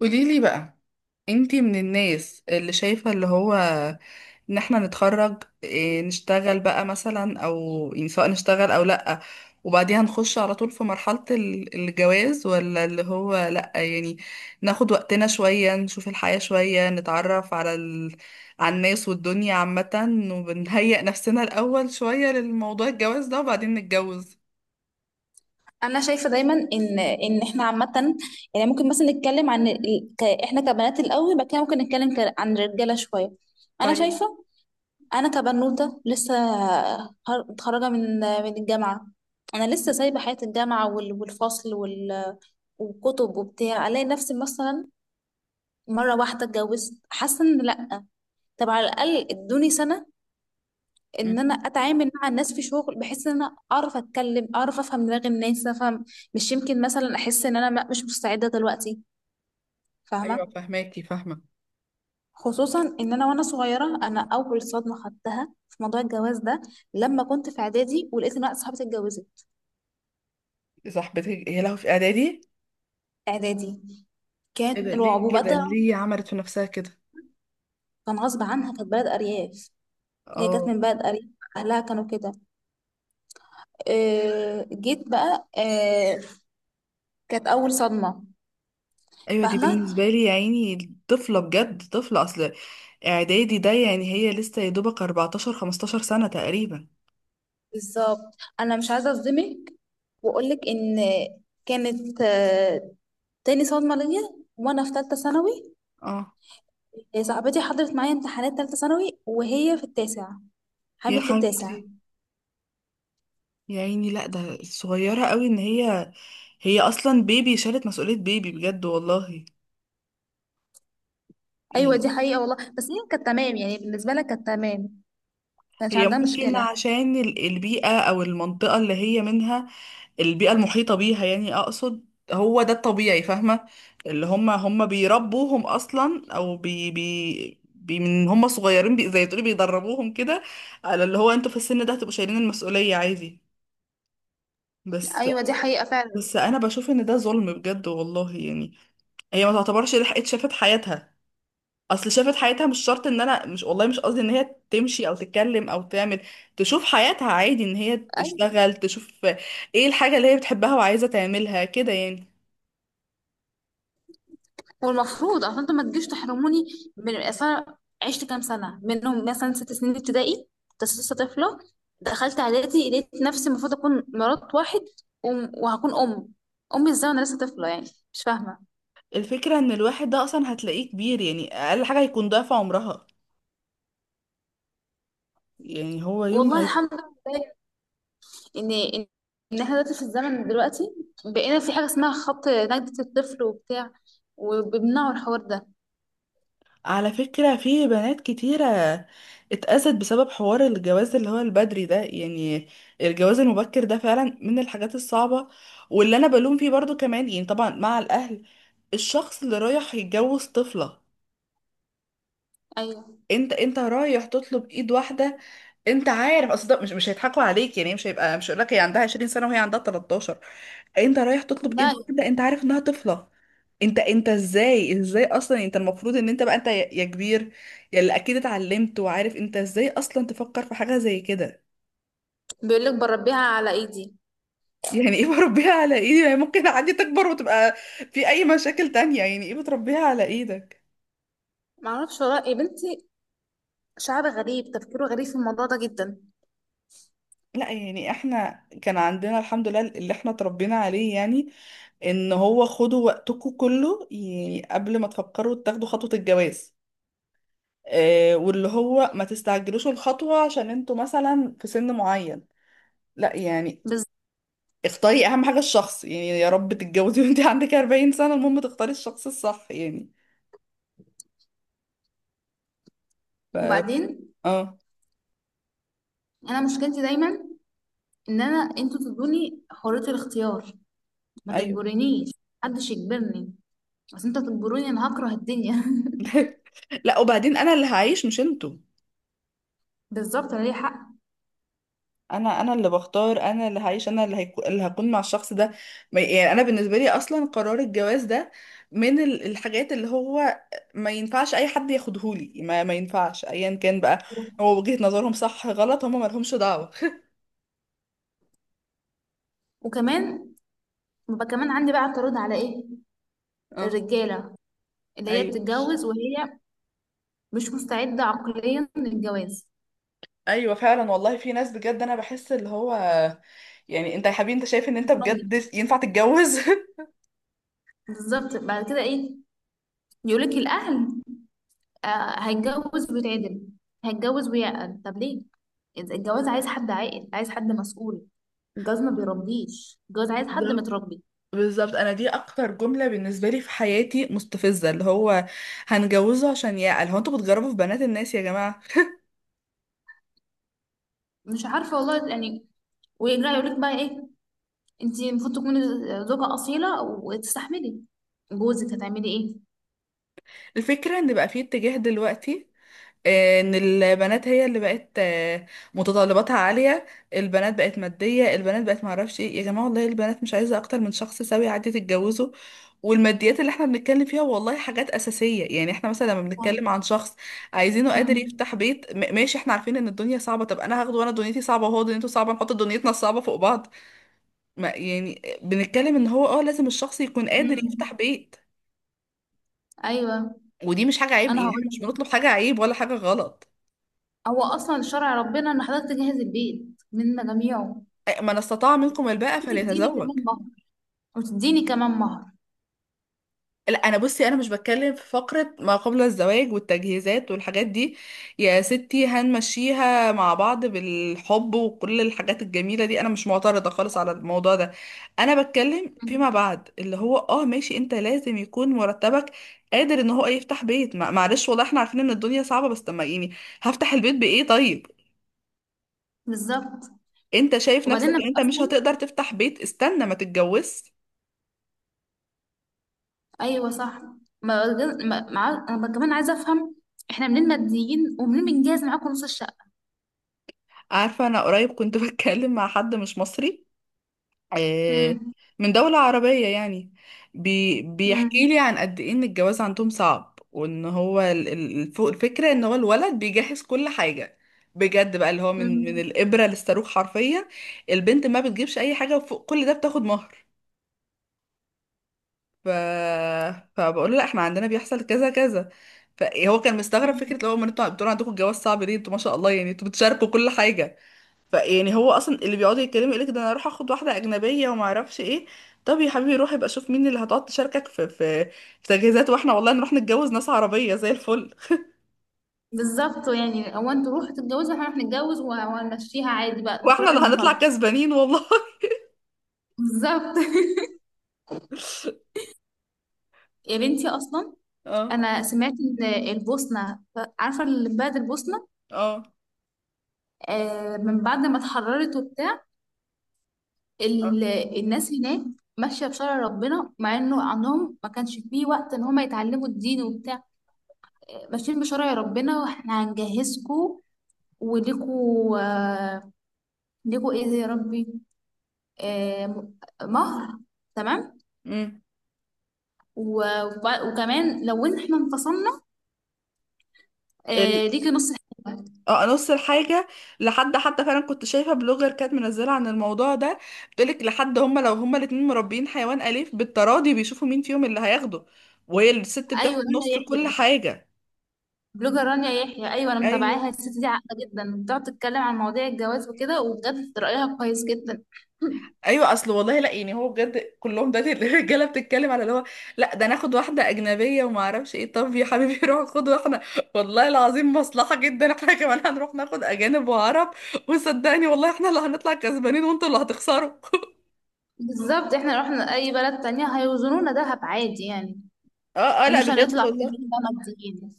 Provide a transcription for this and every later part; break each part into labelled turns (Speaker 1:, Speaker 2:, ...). Speaker 1: قوليلي بقى، انتي من الناس اللي شايفة اللي هو ان احنا نتخرج إيه، نشتغل بقى مثلا او يعني سواء نشتغل او لأ وبعديها نخش على طول في مرحلة الجواز، ولا اللي هو لأ يعني ناخد وقتنا شوية، نشوف الحياة شوية، نتعرف على على الناس والدنيا عامة، وبنهيئ نفسنا الأول شوية للموضوع الجواز ده وبعدين نتجوز؟
Speaker 2: انا شايفه دايما ان احنا عامه، يعني ممكن مثلا نتكلم عن احنا كبنات الاول، بعد كده ممكن نتكلم عن الرجاله شويه. انا
Speaker 1: طيب.
Speaker 2: شايفه. انا كبنوته لسه، متخرجه من الجامعه. انا لسه سايبه حياه الجامعه والفصل والكتب وبتاع، الاقي نفسي مثلا مره واحده اتجوزت، حاسه ان لا. طب على الاقل ادوني سنه
Speaker 1: مم.
Speaker 2: ان انا اتعامل مع الناس في شغل، بحيث ان انا اعرف اتكلم، اعرف افهم دماغ الناس، افهم. مش يمكن مثلا احس ان انا مش مستعده دلوقتي؟
Speaker 1: أيوة
Speaker 2: فاهمه؟
Speaker 1: فهماكي، فاهمة.
Speaker 2: خصوصا ان انا وانا صغيره، انا اول صدمه خدتها في موضوع الجواز ده، لما كنت في اعدادي ولقيت ان واحده صاحبتي اتجوزت.
Speaker 1: صاحبتك هي لها في إعدادي؟
Speaker 2: اعدادي.
Speaker 1: ايه
Speaker 2: كان
Speaker 1: ده، ليه
Speaker 2: رعب وبقى.
Speaker 1: كده؟ ليه عملت في نفسها كده؟
Speaker 2: كان غصب عنها، كانت بلد ارياف. هي كانت
Speaker 1: اه.
Speaker 2: من بلد ارياف، اهلها كانوا كده. جيت بقى كانت اول صدمه.
Speaker 1: ايوه، دي
Speaker 2: فاهمه.
Speaker 1: بالنسبه لي يا عيني طفله، بجد طفله. اصل اعدادي ده يعني هي لسه يا دوبك 14 15 سنه تقريبا.
Speaker 2: بالظبط، انا مش عايزه اصدمك واقولك ان كانت تاني صدمه ليا، وانا في ثالثه ثانوي.
Speaker 1: اه
Speaker 2: صاحبتي حضرت معايا امتحانات ثالثه ثانوي وهي في التاسع،
Speaker 1: يا
Speaker 2: حامل في التاسع.
Speaker 1: حبيبتي، يا عيني، لا ده صغيره قوي. ان هي، هي اصلا بيبي، شالت مسؤوليه بيبي بجد والله
Speaker 2: ايوه،
Speaker 1: يعني.
Speaker 2: دي حقيقه والله، بس هي كانت تمام يعني، بالنسبه لها كانت تمام، ما كانش
Speaker 1: هي
Speaker 2: عندها
Speaker 1: ممكن
Speaker 2: مشكله.
Speaker 1: عشان البيئه او المنطقه اللي هي منها، البيئة المحيطة بيها يعني أقصد، هو ده الطبيعي، فاهمة. اللي هم بيربوهم أصلا، أو بي بي بي من هم صغيرين، زي تقولي بيدربوهم كده على اللي هو انتوا في السن ده هتبقوا شايلين المسؤولية عادي. بس
Speaker 2: ايوه دي حقيقه فعلا.
Speaker 1: بس أنا بشوف إن ده ظلم بجد والله يعني. هي ما تعتبرش لحقت شافت حياتها. أصل شافت حياتها مش شرط إن، أنا مش، والله مش قصدي إن هي تمشي أو تتكلم أو تعمل، تشوف حياتها عادي، إن هي تشتغل، تشوف إيه الحاجة اللي هي بتحبها وعايزة تعملها كده يعني.
Speaker 2: والمفروض اصل انتوا ما تجيش تحرموني من اصل، أنا عشت كام سنه منهم، مثلا ست سنين ابتدائي كنت لسه طفله. دخلت اعدادي، لقيت نفسي المفروض اكون مرات واحد، وهكون ام، امي ازاي وانا لسه طفله يعني؟ مش فاهمه.
Speaker 1: الفكرة ان الواحد ده اصلا هتلاقيه كبير، يعني اقل حاجة هيكون ضعف عمرها. يعني هو يوم
Speaker 2: والله
Speaker 1: ما
Speaker 2: الحمد لله ان إن احنا دلوقتي في الزمن دلوقتي، بقينا في حاجه اسمها خط نجدة الطفل وبتاع، وبيمنعوا الحوار ده.
Speaker 1: على فكرة في بنات كتيرة اتأذت بسبب حوار الجواز اللي هو البدري ده يعني، الجواز المبكر ده فعلا من الحاجات الصعبة. واللي انا بلوم فيه برضو كمان يعني، طبعا مع الاهل، الشخص اللي رايح يتجوز طفلة.
Speaker 2: ايوه.
Speaker 1: انت رايح تطلب ايد واحده، انت عارف اصل ده، مش هيضحكوا عليك يعني، مش هيقول لك هي عندها 20 سنه وهي عندها 13. انت رايح تطلب ايد
Speaker 2: لا.
Speaker 1: واحده، انت عارف انها طفله. انت ازاي اصلا، انت المفروض ان انت بقى، انت يا كبير، يا اللي اكيد اتعلمت وعارف، انت ازاي اصلا تفكر في حاجه زي كده؟
Speaker 2: بيقول لك بربيها على ايدي.
Speaker 1: يعني ايه بربيها على ايدي؟ يعني ممكن عادي تكبر وتبقى في اي مشاكل تانية، يعني ايه بتربيها على ايدك؟
Speaker 2: معرفش والله يا بنتي، شعب غريب، تفكيره غريب في الموضوع ده جدا.
Speaker 1: لا يعني احنا كان عندنا الحمد لله اللي احنا اتربينا عليه، يعني ان هو خدوا وقتكم كله يعني قبل ما تفكروا تاخدوا خطوة الجواز. آه، واللي هو ما تستعجلوش الخطوة عشان انتوا مثلا في سن معين، لا يعني،
Speaker 2: بس.
Speaker 1: اختاري اهم حاجة الشخص، يعني يا رب تتجوزي وانت عندك 40 سنة، المهم تختاري الشخص الصح يعني. ف
Speaker 2: وبعدين،
Speaker 1: اه.
Speaker 2: انا مشكلتي دايما ان انا، انتوا تدوني حرية الاختيار، ما
Speaker 1: ايوه.
Speaker 2: تجبرنيش، محدش يجبرني. بس انت تجبروني انا هكره الدنيا.
Speaker 1: لا وبعدين انا اللي هعيش مش انتوا.
Speaker 2: بالظبط، انا ليا حق.
Speaker 1: انا اللي بختار، انا اللي هعيش، انا اللي هكون مع الشخص ده. يعني انا بالنسبه لي اصلا قرار الجواز ده من الحاجات اللي هو ما ينفعش اي حد ياخدهولي، ما ينفعش ايا كان بقى، هو وجهة نظرهم صح غلط هم ما لهمش دعوه.
Speaker 2: وكمان ببقى كمان عندي بقى اعتراض على ايه؟
Speaker 1: اه.
Speaker 2: الرجاله اللي هي
Speaker 1: ايوه.
Speaker 2: بتتجوز وهي مش مستعده عقليا للجواز.
Speaker 1: ايوه فعلا والله، في ناس بجد انا بحس اللي هو، يعني انت يا حبيبي انت شايف ان انت
Speaker 2: مش راضي.
Speaker 1: بجد ينفع تتجوز؟
Speaker 2: بالظبط، بعد كده ايه؟ يقولك الاهل، آه هيتجوز ويتعدل، هيتجوز ويعقل. طب ليه؟ إذا الجواز عايز حد عاقل، عايز حد مسؤول. الجواز ما بيربيش، الجواز عايز حد متربي.
Speaker 1: بالظبط. انا دي اكتر جمله بالنسبه لي في حياتي مستفزه، اللي هو هنجوزه عشان يعقل. هو انتوا بتجربوا في بنات الناس يا جماعه؟
Speaker 2: مش عارفه والله يعني. ويرجع يقول لك بقى ايه؟ انت المفروض تكوني زوجه اصيله وتستحملي جوزك، هتعملي ايه؟
Speaker 1: الفكره ان بقى في اتجاه دلوقتي ان البنات هي اللي بقت متطلباتها عالية، البنات بقت مادية، البنات بقت معرفش ايه. يا جماعة والله البنات مش عايزة اكتر من شخص سوي عادي تتجوزه. والماديات اللي احنا بنتكلم فيها والله حاجات أساسية. يعني احنا مثلا لما بنتكلم عن شخص عايزينه قادر
Speaker 2: مم.
Speaker 1: يفتح بيت، ماشي احنا عارفين ان الدنيا صعبة، طب انا هاخده وانا دنيتي صعبة وهو دنيته صعبة، نحط دنيتنا الصعبة فوق بعض. ما يعني بنتكلم ان هو لازم الشخص يكون قادر
Speaker 2: مم.
Speaker 1: يفتح بيت.
Speaker 2: ايوه،
Speaker 1: ودي مش حاجة عيب،
Speaker 2: انا
Speaker 1: يعني
Speaker 2: هقول
Speaker 1: احنا مش
Speaker 2: لك،
Speaker 1: بنطلب حاجة عيب ولا حاجة غلط.
Speaker 2: هو اصلا شرع ربنا ان حضرتك تجهز البيت منا جميعه،
Speaker 1: من استطاع منكم الباءة
Speaker 2: وتديني
Speaker 1: فليتزوج.
Speaker 2: كمان مهر وتديني كمان مهر.
Speaker 1: لا انا بصي، انا مش بتكلم في فقرة ما قبل الزواج والتجهيزات والحاجات دي، يا ستي هنمشيها مع بعض بالحب وكل الحاجات الجميلة دي، انا مش معترضة خالص على الموضوع ده. انا بتكلم فيما
Speaker 2: مم.
Speaker 1: بعد، اللي هو ماشي انت لازم يكون مرتبك قادر ان هو يفتح بيت. معلش والله احنا عارفين ان الدنيا صعبة، بس طب ما يعني، هفتح البيت بايه طيب؟
Speaker 2: بالظبط.
Speaker 1: انت شايف
Speaker 2: وبعدين
Speaker 1: نفسك
Speaker 2: انا
Speaker 1: ان انت مش
Speaker 2: اصلا،
Speaker 1: هتقدر تفتح بيت، استنى ما تتجوزش.
Speaker 2: ايوه صح. ما انا كمان عايزه افهم، احنا منين ماديين، ومنين بنجهز معاكم نص الشقه؟
Speaker 1: عارفة أنا قريب كنت بتكلم مع حد مش مصري، آه،
Speaker 2: امم.
Speaker 1: من دولة عربية يعني،
Speaker 2: امم.
Speaker 1: بيحكي لي عن قد إيه إن الجواز عندهم صعب، وإن هو الفكرة إن هو الولد بيجهز كل حاجة بجد بقى، اللي هو من
Speaker 2: امم.
Speaker 1: الإبرة للصاروخ حرفيا. البنت ما بتجيبش أي حاجة، وفوق كل ده بتاخد مهر. ف... فبقول له لا احنا عندنا بيحصل كذا كذا، فهو كان مستغرب. فكرة اللي هو، ما انتوا بتقولوا عندكم الجواز صعب ليه، انتوا ما شاء الله يعني انتوا بتشاركوا كل حاجة. فيعني هو اصلا اللي بيقعدوا يتكلموا يقولك ده، انا اروح اخد واحده اجنبيه وما اعرفش ايه، طب يا حبيبي روح يبقى شوف مين اللي هتقعد تشاركك في تجهيزات، واحنا والله نروح نتجوز ناس عربيه زي الفل.
Speaker 2: بالظبط، يعني هو انتوا روحوا تتجوزوا، احنا هنروح نتجوز وهنمشيها عادي، بقى كل
Speaker 1: واحنا
Speaker 2: واحد
Speaker 1: اللي هنطلع
Speaker 2: مصالحه.
Speaker 1: كسبانين والله.
Speaker 2: بالظبط. يا بنتي اصلا
Speaker 1: اه،
Speaker 2: انا سمعت ان البوسنه، عارفه اللي في بلد البوسنه؟
Speaker 1: اه،
Speaker 2: آه، من بعد ما اتحررت وبتاع
Speaker 1: اه.
Speaker 2: ال- الناس هناك ماشيه بشرع ربنا، مع انه عندهم ما كانش فيه وقت ان هم يتعلموا الدين وبتاع، ماشيين بشرع ربنا. واحنا هنجهزكوا وليكوا ليكوا ايه يا ربي؟ آه م- مهر. تمام.
Speaker 1: امم
Speaker 2: وكمان لو إن احنا انفصلنا،
Speaker 1: ال...
Speaker 2: ليكي نص الحكاية.
Speaker 1: اه، نص الحاجة. لحد حتى فعلا كنت شايفة بلوجر كانت منزلة عن الموضوع ده، بتقولك لحد هما لو هما الاتنين مربيين حيوان أليف، بالتراضي بيشوفوا مين فيهم اللي هياخده، وهي الست
Speaker 2: ايوه،
Speaker 1: بتاخد
Speaker 2: رانيا
Speaker 1: نص كل
Speaker 2: يحيى،
Speaker 1: حاجة.
Speaker 2: بلوجر رانيا يحيى. ايوه انا متابعاها،
Speaker 1: ايوه.
Speaker 2: الست دي عاقله جدا، بتقعد تتكلم عن مواضيع الجواز وكده، وبجد رايها كويس جدا.
Speaker 1: ايوه اصل والله، لا يعني هو بجد كلهم ده الرجاله بتتكلم على اللي هو، لا ده ناخد واحده اجنبيه وما اعرفش ايه. طب يا حبيبي روح خد واحده، والله العظيم مصلحه جدا احنا كمان هنروح ناخد اجانب وعرب، وصدقني والله احنا اللي هنطلع كسبانين وانتوا اللي هتخسروا.
Speaker 2: بالظبط، احنا لو رحنا اي بلد تانية هيوزنونا دهب عادي يعني،
Speaker 1: اه، اه، لا
Speaker 2: ومش
Speaker 1: بجد
Speaker 2: هنطلع في
Speaker 1: والله.
Speaker 2: بقى ماديين.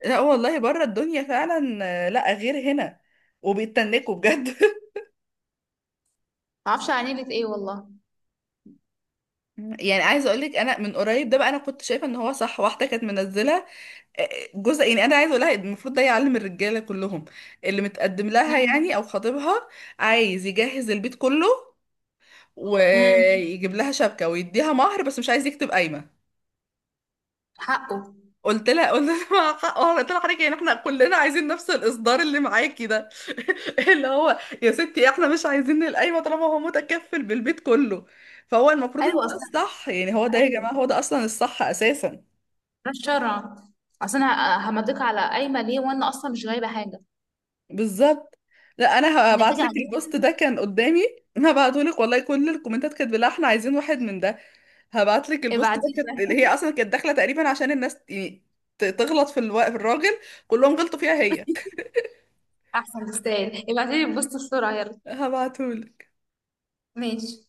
Speaker 1: لا والله بره الدنيا فعلا لا غير هنا، وبيتنكوا بجد.
Speaker 2: معرفش عن ايه ايه والله.
Speaker 1: يعني عايزه اقول لك انا، من قريب ده بقى انا كنت شايفه ان هو صح، واحده كانت منزله جزء، يعني انا عايزه اقولها إن المفروض ده يعلم الرجاله كلهم، اللي متقدم لها يعني او خطيبها، عايز يجهز البيت كله
Speaker 2: امم.
Speaker 1: ويجيب لها شبكه ويديها مهر بس مش عايز يكتب قايمه.
Speaker 2: حقه.
Speaker 1: قلت لها قلت لها مع حق- آه، قلت لها حضرتك يعني احنا كلنا عايزين نفس الاصدار اللي معاكي ده. اللي هو يا ستي احنا مش عايزين القايمه طالما هو متكفل بالبيت كله. فهو المفروض ان
Speaker 2: ايوه
Speaker 1: ده
Speaker 2: اصلا،
Speaker 1: الصح، يعني هو ده يا
Speaker 2: ايوه،
Speaker 1: جماعه، هو ده اصلا الصح اساسا.
Speaker 2: ده الشرع. اصل انا همضيك على قايمه ليه وانا اصلا مش غايبه حاجه؟
Speaker 1: بالظبط. لا انا هبعت
Speaker 2: النتيجه
Speaker 1: لك
Speaker 2: عليك.
Speaker 1: البوست ده كان قدامي، هبعته لك والله، كل الكومنتات كانت بالله احنا عايزين واحد من ده. هبعت لك البوست ده
Speaker 2: ابعتيلي.
Speaker 1: كانت اللي هي اصلا كانت داخله تقريبا عشان الناس يعني تغلط في الراجل، كلهم غلطوا فيها هي.
Speaker 2: احسن تستاهل، ابعتيلي البوست بسرعه يلا.
Speaker 1: هبعته.
Speaker 2: ماشي.